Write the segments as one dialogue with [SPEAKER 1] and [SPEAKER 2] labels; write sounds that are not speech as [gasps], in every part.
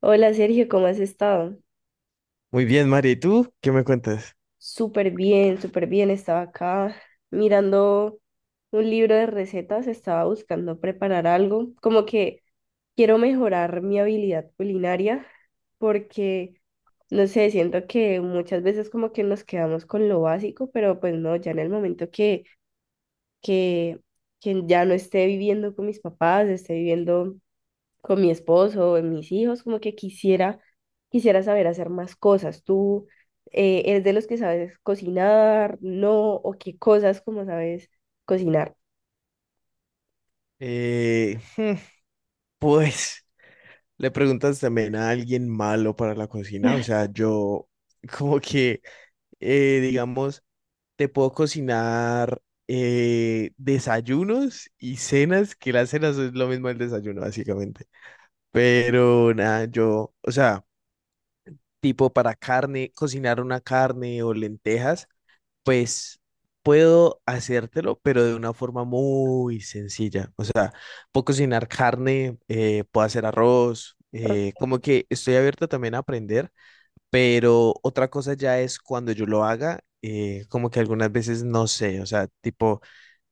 [SPEAKER 1] Hola Sergio, ¿cómo has estado?
[SPEAKER 2] Muy bien, Mari, ¿y tú qué me cuentas?
[SPEAKER 1] Súper bien, súper bien. Estaba acá mirando un libro de recetas, estaba buscando preparar algo. Como que quiero mejorar mi habilidad culinaria porque, no sé, siento que muchas veces como que nos quedamos con lo básico, pero pues no, ya en el momento que, que ya no esté viviendo con mis papás, esté viviendo con mi esposo, en mis hijos, como que quisiera, quisiera saber hacer más cosas. ¿Tú eres de los que sabes cocinar, no? ¿O qué cosas como sabes cocinar?
[SPEAKER 2] Eh, hmm, pues, ¿Le preguntas también a alguien malo para la cocina? O
[SPEAKER 1] [laughs]
[SPEAKER 2] sea, yo [laughs] como que, digamos, te puedo cocinar desayunos y cenas, que las cenas es lo mismo el desayuno, básicamente. Pero nada, yo, o sea, tipo para carne, cocinar una carne o lentejas. Pues puedo hacértelo, pero de una forma muy sencilla. O sea, puedo cocinar carne, puedo hacer arroz, como que estoy abierto también a aprender, pero otra cosa ya es cuando yo lo haga, como que algunas veces no sé, o sea, tipo,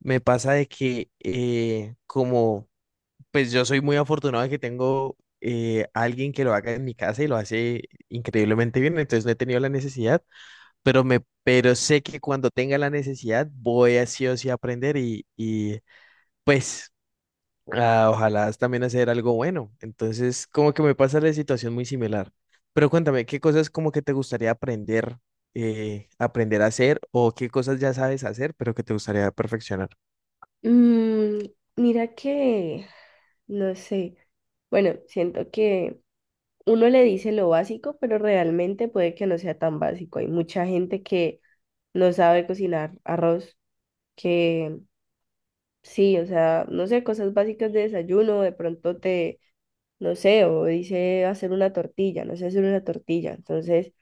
[SPEAKER 2] me pasa de que como, pues yo soy muy afortunado de que tengo... alguien que lo haga en mi casa y lo hace increíblemente bien, entonces no he tenido la necesidad, pero me, pero sé que cuando tenga la necesidad voy a sí o sí a aprender y pues ojalá también hacer algo bueno. Entonces, como que me pasa la situación muy similar. Pero cuéntame, ¿qué cosas como que te gustaría aprender, aprender a hacer o qué cosas ya sabes hacer, pero que te gustaría perfeccionar?
[SPEAKER 1] Mm, mira que, no sé, bueno, siento que uno le dice lo básico, pero realmente puede que no sea tan básico. Hay mucha gente que no sabe cocinar arroz, que sí, o sea, no sé, cosas básicas de desayuno, de pronto te no sé, o dice hacer una tortilla, no sé hacer una tortilla. Entonces,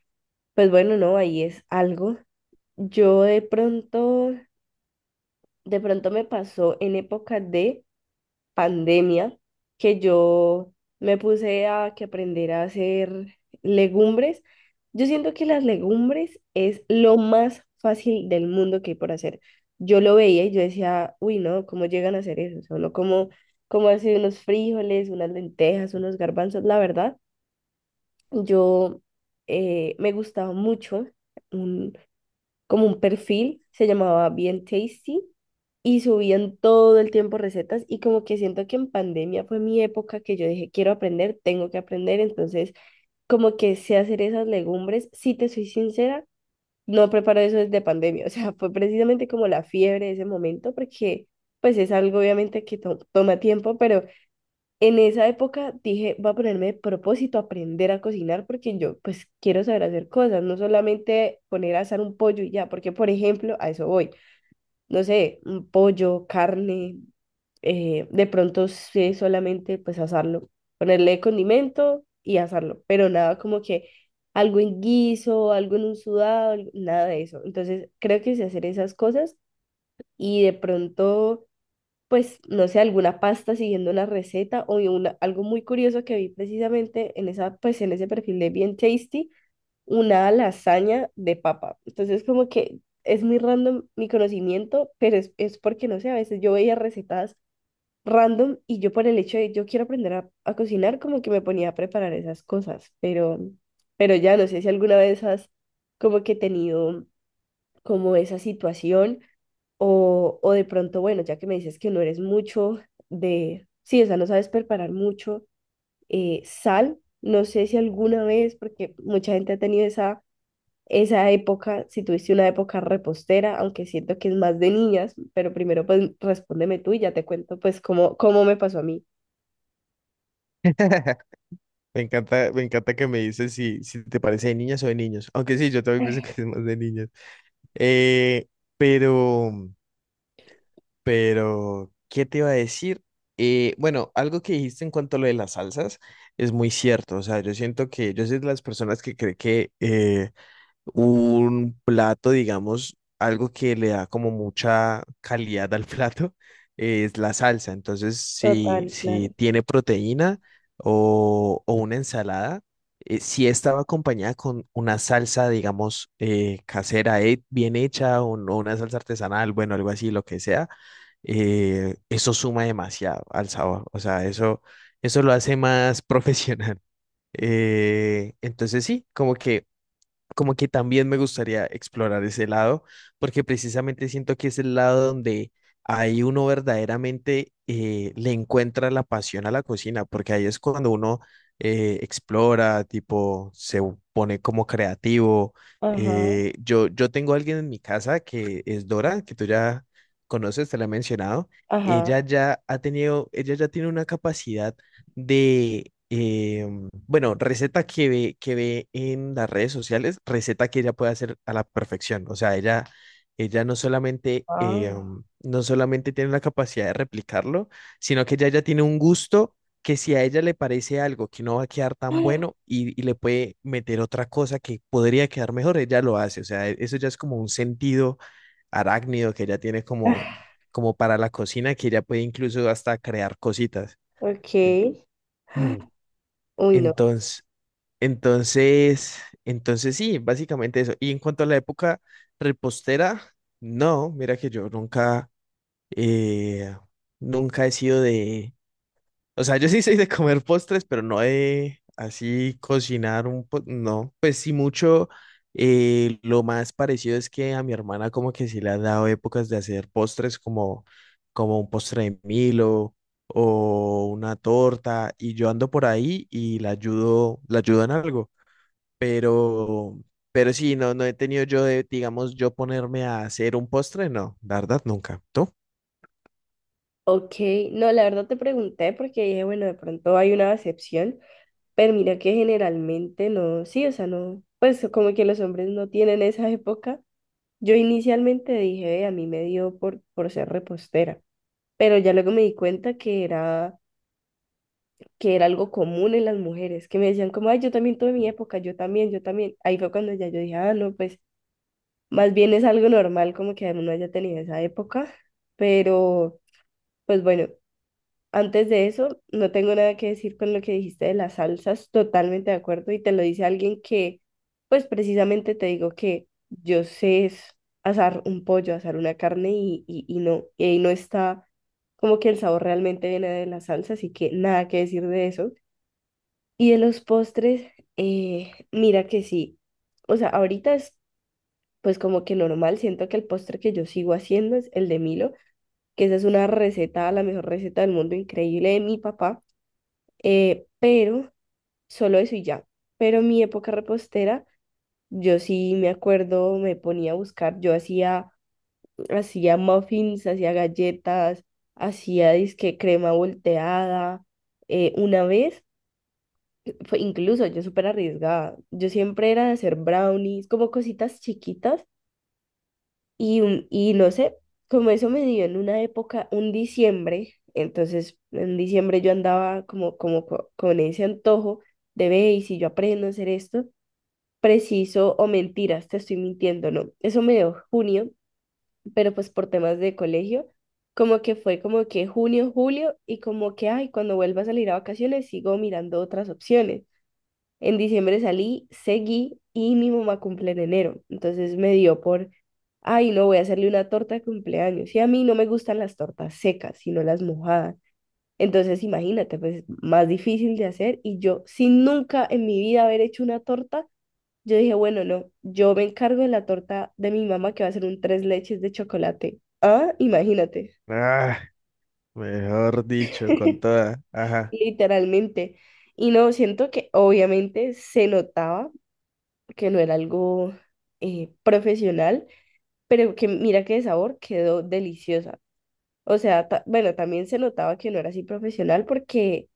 [SPEAKER 1] pues bueno, no, ahí es algo. Yo de pronto me pasó en época de pandemia que yo me puse a que aprender a hacer legumbres. Yo siento que las legumbres es lo más fácil del mundo que hay por hacer. Yo lo veía y yo decía, uy, no, ¿cómo llegan a hacer eso? O sea, uno como, como hacer unos frijoles, unas lentejas, unos garbanzos, la verdad. Yo me gustaba mucho un, como un perfil, se llamaba Bien Tasty y subían todo el tiempo recetas y como que siento que en pandemia fue mi época que yo dije, quiero aprender, tengo que aprender, entonces como que sé hacer esas legumbres. Si te soy sincera, no preparo eso desde pandemia, [laughs] o sea, fue precisamente como la fiebre de ese momento porque pues es algo obviamente que toma tiempo, pero en esa época dije, voy a ponerme de propósito a aprender a cocinar porque yo pues quiero saber hacer cosas, no solamente poner a asar un pollo y ya, porque por ejemplo, a eso voy, no sé, un pollo, carne, de pronto sé solamente pues asarlo, ponerle condimento y asarlo, pero nada como que algo en guiso, algo en un sudado, algo- nada de eso. Entonces creo que sé hacer esas cosas y de pronto pues, no sé, alguna pasta siguiendo una receta o vi una, algo muy curioso que vi precisamente en esa, pues, en ese perfil de Bien Tasty, una lasaña de papa. Entonces, como que es muy random mi conocimiento, pero es porque, no sé, a veces yo veía recetas random y yo por el hecho de yo quiero aprender a cocinar, como que me ponía a preparar esas cosas, pero ya no sé si alguna vez has como que tenido como esa situación o de pronto, bueno, ya que me dices que no eres mucho de, sí, o sea, no sabes preparar mucho sal, no sé si alguna vez, porque mucha gente ha tenido esa, esa época, si tuviste una época repostera, aunque siento que es más de niñas, pero primero pues respóndeme tú y ya te cuento pues cómo, cómo me pasó a mí.
[SPEAKER 2] [laughs] Me encanta que me dices si, si te parece de niñas o de niños. Aunque sí, yo también pienso
[SPEAKER 1] [laughs]
[SPEAKER 2] que es más de niños. Eh, pero, Pero, ¿qué te iba a decir? Bueno, algo que dijiste en cuanto a lo de las salsas es muy cierto. O sea, yo siento que yo soy de las personas que cree que un plato, digamos, algo que le da como mucha calidad al [laughs] plato, es la salsa. Entonces, si,
[SPEAKER 1] Total, claro.
[SPEAKER 2] si tiene proteína o una ensalada, si estaba acompañada con una salsa, digamos, casera, bien hecha, o no una salsa artesanal, bueno, algo así, lo que sea, eso suma demasiado al sabor. O sea, eso lo hace más [laughs] profesional. Entonces sí, como que también me gustaría explorar ese lado, porque precisamente siento que es el lado donde ahí uno verdaderamente le encuentra la pasión a la cocina, porque ahí es cuando uno explora, tipo, se pone como creativo.
[SPEAKER 1] Ajá,
[SPEAKER 2] Yo tengo alguien en mi casa que es Dora, que tú ya conoces, te la he mencionado.
[SPEAKER 1] ajá,
[SPEAKER 2] Ella ya ha tenido, ella ya tiene una capacidad de, bueno, receta que ve en las redes sociales, receta que ella puede hacer a la perfección. O sea, ella no solamente,
[SPEAKER 1] wow.
[SPEAKER 2] no solamente tiene la capacidad de replicarlo, sino que ella ya tiene un gusto que si a ella le parece algo que no va a quedar tan bueno
[SPEAKER 1] [gasps]
[SPEAKER 2] y le puede meter otra cosa que podría quedar mejor, ella lo hace. O sea, eso ya es como un sentido arácnido que ella tiene como, como para la cocina, que ella puede incluso hasta crear cositas.
[SPEAKER 1] Ok,
[SPEAKER 2] En- [clears throat] Mm.
[SPEAKER 1] uy, no.
[SPEAKER 2] Entonces, entonces, entonces sí, básicamente eso. Y en cuanto a la época repostera, no, mira que yo nunca, eh, nunca he sido de, o sea, yo sí soy de comer postres, pero no de así cocinar un no, pues sí mucho. Lo más parecido es que a mi hermana como que sí le ha dado épocas de hacer postres como, como un postre de Milo o una torta y yo ando por ahí y la ayudo en algo, pero, pero sí, no, no he tenido yo de, digamos, yo ponerme a hacer un postre, no, la verdad, nunca. ¿Tú?
[SPEAKER 1] Ok, no, la verdad te pregunté porque dije, bueno, de pronto hay una excepción. Pero mira que generalmente no, sí, o sea, no, pues como que los hombres no tienen esa época. Yo inicialmente dije: "Ve, a mí me dio por ser repostera, pero ya luego me di cuenta que era algo común en las mujeres, que me decían como, ay, yo también tuve mi época, yo también, yo también". Ahí fue cuando ya yo dije, ah, no, pues más bien es algo normal como que uno haya tenido esa época, pero pues bueno. Antes de eso, no tengo nada que decir con lo que dijiste de las salsas, totalmente de acuerdo, y te lo dice alguien que, pues precisamente te digo que yo sé es asar un pollo, asar una carne y no, y ahí no está como que el sabor realmente viene de la salsa, así que nada que decir de eso. Y de los postres, mira que sí, o sea, ahorita es pues como que normal, siento que el postre que yo sigo haciendo es el de Milo, que esa es una receta, la mejor receta del mundo, increíble de mi papá. Pero solo eso y ya. Pero mi época repostera, yo sí me acuerdo, me ponía a buscar, hacía muffins, hacía galletas, hacía disque crema volteada. Una vez, fue incluso yo súper arriesgada, yo siempre era de hacer brownies, como cositas chiquitas. Y, y no sé, como eso me dio en una época, un diciembre, entonces en diciembre yo andaba como, con ese antojo de ve y si yo aprendo a hacer esto, preciso o mentiras, te estoy mintiendo, no. Eso me dio junio, pero pues por temas de colegio, como que fue como que junio, julio y como que, ay, cuando vuelva a salir a vacaciones sigo mirando otras opciones. En diciembre salí, seguí y mi mamá cumple en enero. Entonces me dio por, ay, no, voy a hacerle una torta de cumpleaños. Y a mí no me gustan las tortas secas, sino las mojadas. Entonces imagínate, pues más difícil de hacer. Y yo, sin nunca en mi vida haber hecho una torta, yo dije, bueno, no, yo me encargo de la torta de mi mamá que va a ser un tres leches de chocolate. Ah, imagínate,
[SPEAKER 2] Ah. Mejor dicho, con
[SPEAKER 1] [laughs]
[SPEAKER 2] toda. Ajá.
[SPEAKER 1] literalmente. Y no, siento que obviamente se notaba que no era algo profesional, pero que mira que de sabor quedó deliciosa. O sea, bueno, también se notaba que no era así profesional porque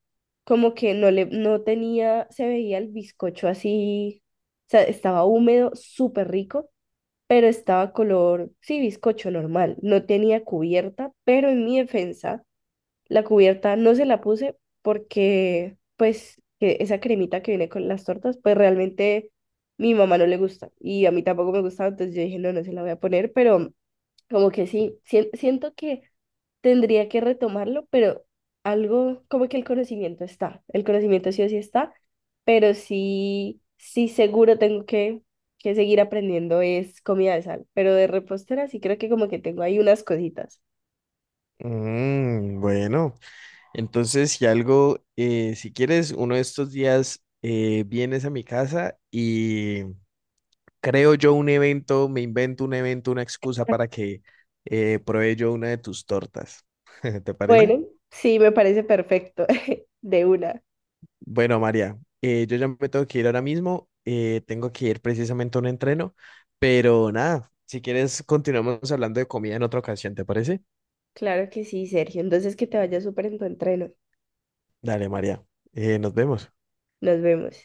[SPEAKER 1] como que no le, no tenía, se veía el bizcocho así, o sea, estaba húmedo, súper rico, pero estaba color, sí, bizcocho normal, no tenía cubierta, pero en mi defensa la cubierta no se la puse porque, pues, que esa cremita que viene con las tortas, pues realmente mi mamá no le gusta y a mí tampoco me gusta, entonces yo dije, no, no se la voy a poner, pero como que sí, siento que tendría que retomarlo, pero algo como que el conocimiento está, el conocimiento sí o sí está, pero sí, sí seguro tengo que seguir aprendiendo es comida de sal, pero de repostera sí creo que como que tengo ahí unas cositas.
[SPEAKER 2] Bueno, entonces si algo, si quieres, uno de estos días vienes a mi casa y creo yo un evento, me invento un evento, una excusa para que pruebe yo una de tus tortas. [laughs] ¿Te parece?
[SPEAKER 1] Bueno, sí, me parece perfecto. [laughs] De una.
[SPEAKER 2] Bueno, María, yo ya me tengo que ir ahora mismo, tengo que ir precisamente a un entreno, pero nada, si quieres continuamos hablando de comida en otra ocasión, ¿te parece?
[SPEAKER 1] Claro que sí, Sergio. Entonces que te vaya súper en tu entreno.
[SPEAKER 2] Dale, María, nos vemos.
[SPEAKER 1] Nos vemos.